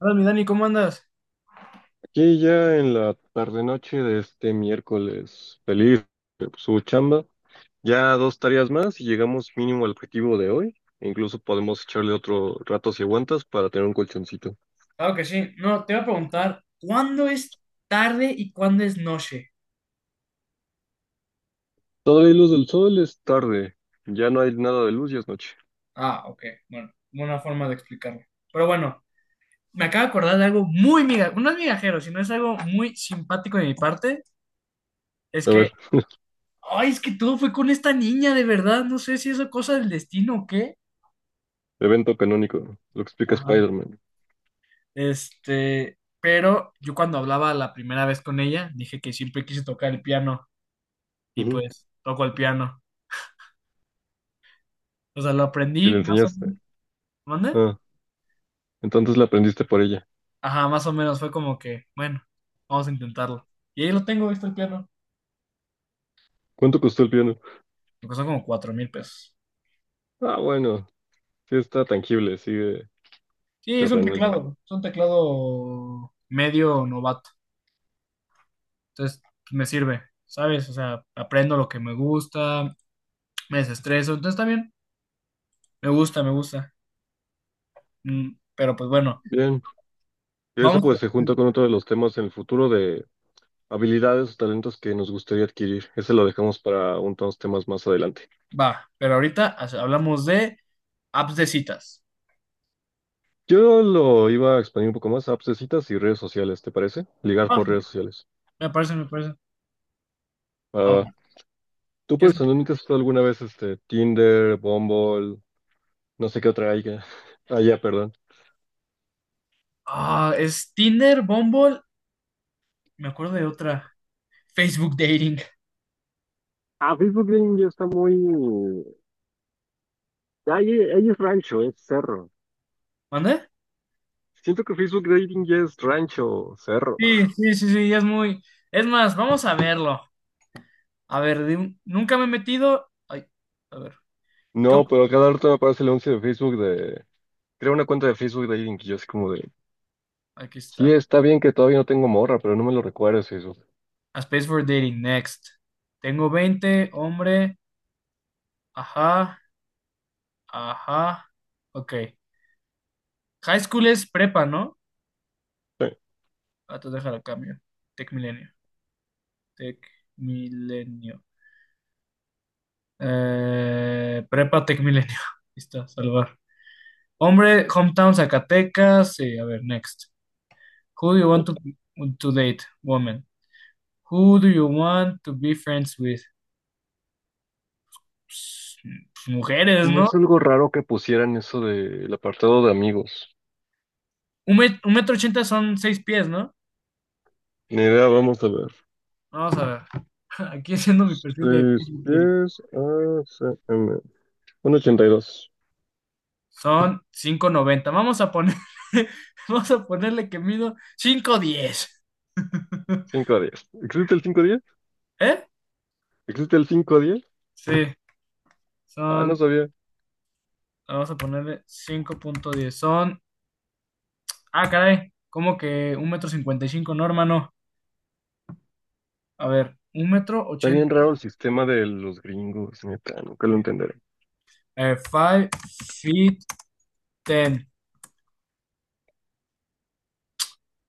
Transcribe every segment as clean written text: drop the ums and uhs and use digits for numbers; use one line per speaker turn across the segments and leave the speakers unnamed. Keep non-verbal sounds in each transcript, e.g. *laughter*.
Hola, mi Dani, ¿cómo andas?
Aquí ya en la tarde-noche de este miércoles, feliz de su chamba. Ya dos tareas más y llegamos mínimo al objetivo de hoy. E incluso podemos echarle otro rato si aguantas para tener un colchoncito.
Claro que sí. No, te iba a preguntar, ¿cuándo es tarde y cuándo es noche?
Todavía hay luz del sol, es tarde. Ya no hay nada de luz y es noche.
Ah, ok. Bueno, buena forma de explicarlo. Pero bueno, me acabo de acordar de algo muy miga, no es migajero, sino es algo muy simpático de mi parte. Es
A
que,
ver,
ay, es que todo fue con esta niña, de verdad. No sé si es cosa del destino o qué.
evento canónico, lo que explica
Ajá.
Spider-Man.
Este, pero yo cuando hablaba la primera vez con ella, dije que siempre quise tocar el piano y
Ujú.
pues toco el piano. O sea, lo
Y le
aprendí más o
enseñaste.
menos. ¿Mande?
Ah, entonces la aprendiste por ella.
Ajá, más o menos fue como que, bueno, vamos a intentarlo. Y ahí lo tengo, ahí está el piano.
¿Cuánto costó el piano?
Me costó como $4,000.
Ah, bueno, sí está tangible, sigue
Sí,
terrenal.
es un teclado medio novato. Entonces, me sirve, ¿sabes? O sea, aprendo lo que me gusta, me desestreso. Entonces, está bien, me gusta, me gusta. Pero pues bueno,
Bien. Y eso
vamos,
pues se junta con otro de los temas en el futuro de habilidades o talentos que nos gustaría adquirir. Ese lo dejamos para unos temas más adelante.
va. Pero ahorita hablamos de apps de citas.
Yo lo iba a expandir un poco más a apps de citas y redes sociales, ¿te parece? Ligar
Va,
por redes sociales.
me parece, me parece.
Va, va, va.
Ahora,
¿Tú
¿qué es?
personalmente has usado alguna vez este Tinder, Bumble, no sé qué otra haya? *laughs* Allá, perdón.
Ah, es Tinder, Bumble, me acuerdo de otra. Facebook Dating.
Ah, Facebook Dating ya está muy. Ahí es rancho, es cerro.
¿Mande?
Siento que Facebook Dating ya es rancho, cerro.
Sí, sí, sí, sí, es muy... Es más, vamos a verlo. A ver, nunca me he metido... Ay, a ver, ¿qué
No,
op-
pero cada rato me aparece el anuncio de Facebook. De Creo una cuenta de Facebook de alguien que yo así como de,
Aquí
sí,
está.
está bien que todavía no tengo morra, pero no me lo recuerdes eso.
A Space for Dating, next. Tengo 20 hombre. Ajá, ajá. Ok. High school es prepa, ¿no?
Sí,
Ah, te dejar a cambio. Tech Milenio. Tech Milenio. Prepa Tech Milenio. *laughs* Listo, salvar. Hombre, hometown Zacatecas. Sí, a ver, next. Who do you want
¿no?
to, to date? Woman. Who do you want to be friends with? Pues, mujeres,
Y me
¿no?
hizo algo raro que pusieran eso del apartado de amigos.
Un metro ochenta son seis pies, ¿no?
Ni idea, vamos a ver.
Vamos a ver. *laughs* Aquí haciendo mi perfil de
seis
Facebook Diario.
pies a cm, 1.82.
Son cinco noventa. Vamos a poner, *laughs* vamos a ponerle que mido cinco diez. *laughs*
5'10". ¿Existe el cinco a diez
¿Eh?
¿Existe el 5 a diez?
Sí,
Ah, no
son,
sabía.
vamos a ponerle cinco punto diez. Son, ah, caray, como que un metro 55, no, hermano. A ver, un metro
Está
80.
bien raro el sistema de los gringos, neta, nunca lo entenderé.
5 feet ten.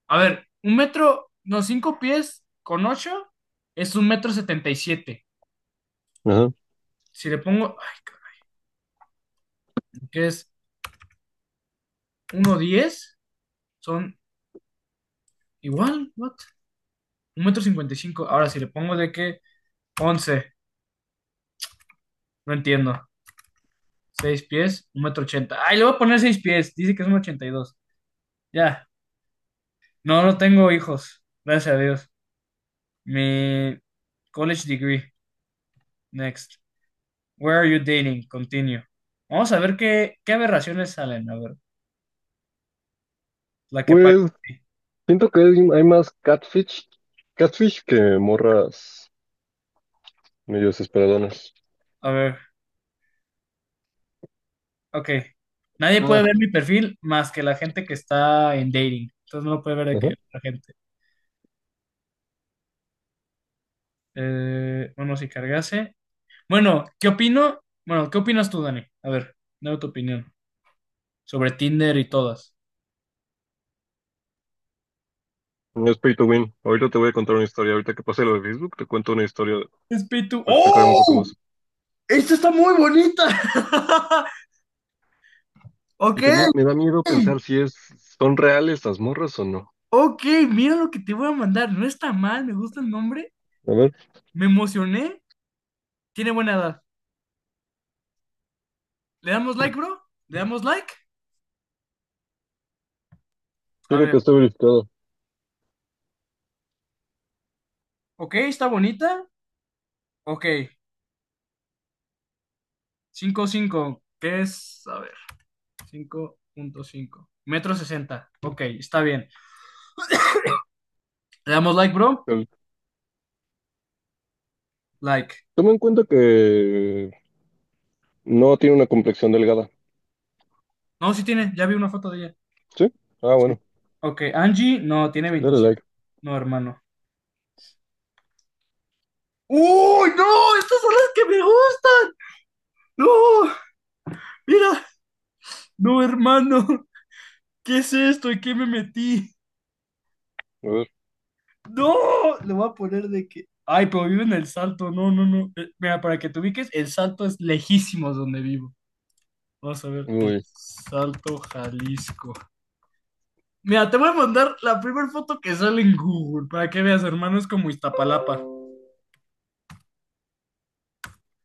A ver, un metro, no, cinco pies con ocho es un metro setenta y siete.
Ajá.
Si le pongo, ay, cabrón, que es uno diez, son igual, what? Un metro cincuenta y cinco. Ahora, si le pongo de que 11, no entiendo. Seis pies, un metro ochenta. Ay, le voy a poner seis pies, dice que es un ochenta y dos. Ya, no, no tengo hijos, gracias a Dios. Mi college degree, next. Where are you dating? Continue. Vamos a ver qué aberraciones salen, a ver, la que pague.
Pues siento que hay más catfish, catfish que morras medio desesperadonas.
A ver, ok. Nadie puede
Ah,
ver mi perfil más que la gente que está en dating. Entonces no lo puede ver de que
ajá.
la gente. Bueno, si cargase. Bueno, ¿qué opino? Bueno, ¿qué opinas tú, Dani? A ver, dame tu opinión sobre Tinder y todas.
No es pay to win. Ahorita te voy a contar una historia. Ahorita que pase lo de Facebook, te cuento una historia
Espíritu.
para explicarme un poco
¡Oh!
más.
Esta está muy bonita. *laughs*
Y
Ok,
también me da miedo pensar si son reales las morras o no.
ok, mira lo que te voy a mandar. No está mal, me gusta el nombre.
A ver,
Me emocioné. Tiene buena edad. ¿Le damos like, bro? ¿Le damos like? A
fíjate que
ver,
está verificado.
ok, está bonita. Ok, cinco, cinco, ¿qué es? A ver, cinco punto cinco. Metro 60. Ok, está bien. Le damos like, bro.
El-
Like.
Toma en cuenta que no tiene una complexión delgada.
No, sí tiene, ya vi una foto de ella.
¿Sí? Ah,
Sí.
bueno.
Ok, Angie, no, tiene
Dale
27.
like.
No, hermano. ¡Uy, no! Estas son las que me gustan. No, mira. No, hermano. ¿Qué es esto? ¿Y qué me metí?
A ver.
No, le voy a poner de que... Ay, pero vive en El Salto. No, no, no. Mira, para que te ubiques, El Salto es lejísimos donde vivo. Vamos a ver, el
Uy,
Salto Jalisco. Mira, te voy a mandar la primera foto que sale en Google para que veas, hermano, es como Iztapalapa.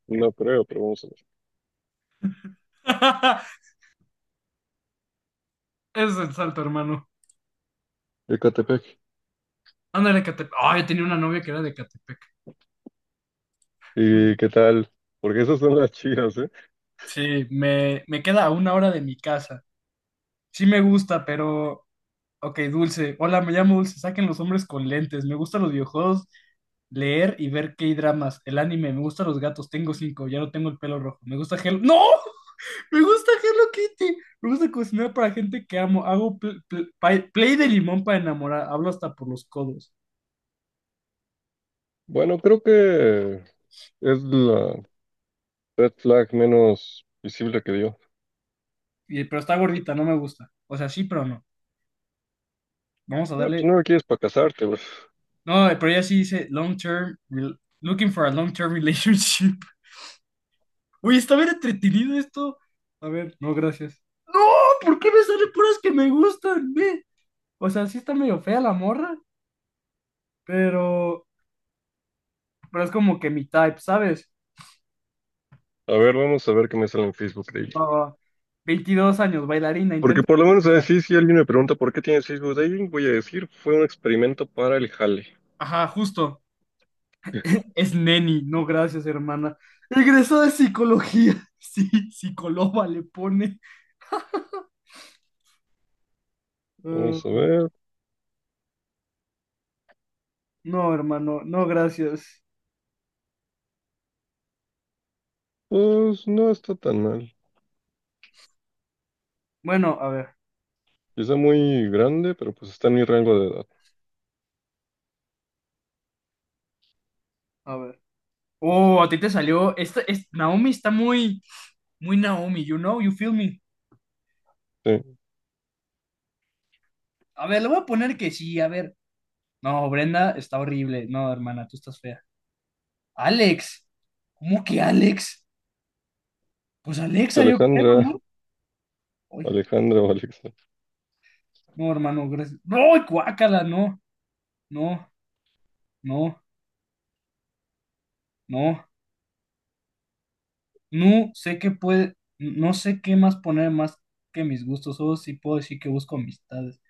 no creo, pero vamos a
*laughs* Ese es el salto, hermano.
ver. Ecatepec.
Ándale, Catepec. Ay, tenía una novia que era de Catepec.
¿Y qué tal? Porque esas son las chidas, ¿eh?
Sí, me queda a 1 hora de mi casa. Sí me gusta, pero... Ok, Dulce. Hola, me llamo Dulce. Saquen los hombres con lentes. Me gustan los videojuegos, leer y ver K-dramas. El anime, me gustan los gatos. Tengo cinco, ya no tengo el pelo rojo. Me gusta Hello. ¡No! Me gusta Hello Kitty. Me gusta cocinar para gente que amo. Hago play de limón para enamorar. Hablo hasta por los codos.
Bueno, creo que es la red flag menos visible que dio.
Y- pero está gordita, no me gusta. O sea, sí, pero no. Vamos a
Ah, pues
darle.
no me quieres para casarte, güey.
No, pero ella sí dice long term, looking for a long term relationship. *laughs* Oye, está bien entretenido esto. A ver, no, gracias. No, ¿por qué me salen puras que me gustan? Ve? O sea, sí está medio fea la morra, pero, pero es como que mi type, ¿sabes?
A ver, vamos a ver qué me sale en Facebook Dating.
Va, va. 22 años, bailarina,
Porque
intento.
por lo menos a decir, si alguien me pregunta por qué tienes Facebook Dating, voy a decir, fue un experimento para el jale.
Ajá, justo.
*laughs*
Es neni, no gracias, hermana. Egresó de psicología. *laughs* Sí, psicóloga le pone. Eh,
Vamos a ver,
no, hermano, no gracias.
pues no está tan mal.
Bueno, a ver,
Quizá muy grande, pero pues está en mi rango de edad.
a ver. Oh, a ti te salió. Esta, es, Naomi está muy, muy Naomi, you know, you feel me.
Sí,
A ver, le voy a poner que sí, a ver. No, Brenda está horrible. No, hermana, tú estás fea. Alex, ¿cómo que Alex? Pues Alexa,
pues
yo creo,
Alejandra,
¿no?
*laughs*
Uy,
Alejandra o Alexa.
no, hermano, gracias. No, guácala, no, no, no, no. No sé qué puede, no sé qué más poner más que mis gustos, solo sí puedo decir que busco amistades.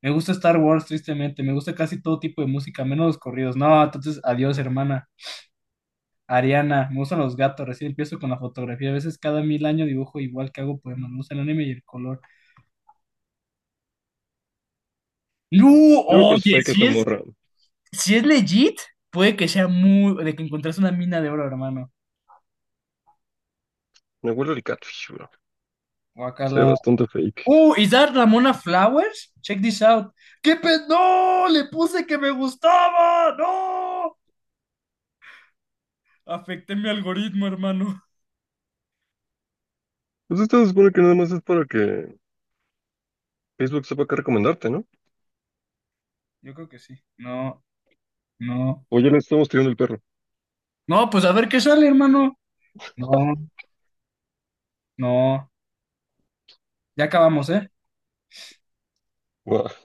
Me gusta Star Wars, tristemente, me gusta casi todo tipo de música, menos los corridos. No, entonces, adiós, hermana. Ariana, me gustan los gatos, recién empiezo con la fotografía. A veces cada mil años dibujo igual que hago poemas, me gusta el anime y el color. No,
Yo creo que es
oye,
fake
si
esta
es,
morra.
si es legit, puede que sea muy, de que encontrés una mina de oro, hermano.
Me huele el catfish, bro. Se ve
Guacala.
bastante fake.
Oh, is that Ramona Flowers? Check this out. ¡Qué pe... ¡No! Le puse que me gustaba. ¡No! Afecté mi algoritmo, hermano.
Pues esto se supone que nada más es para que Facebook sepa qué recomendarte, ¿no?
Yo creo que sí. No, no.
O ya le estamos tirando el perro.
No, pues a ver qué sale, hermano. No, no. Ya acabamos, ¿eh?
Buah,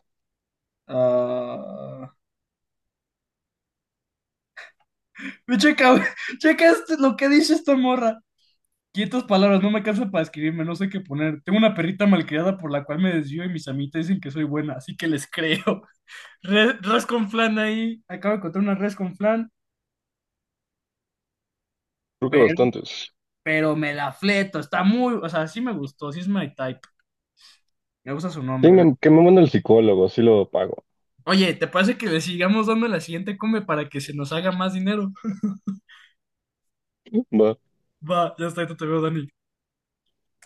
Ah, Ve, Checa, *laughs* checa este, lo que dice esta morra. 500 palabras, no me cansa para escribirme, no sé qué poner. Tengo una perrita malcriada por la cual me desvío y mis amitas dicen que soy buena, así que les creo. Re- res con flan ahí. Acabo de encontrar una res con flan,
creo que
pero,
bastante.
pero me la fleto. Está muy, o sea, sí me gustó, sí es my type. Me gusta su
Sí,
nombre, ve.
que me manda el psicólogo, sí lo pago.
Oye, ¿te parece que le sigamos dando la siguiente come para que se nos haga más dinero? *laughs*
Va.
Va, ya está, ahí te veo, Dani.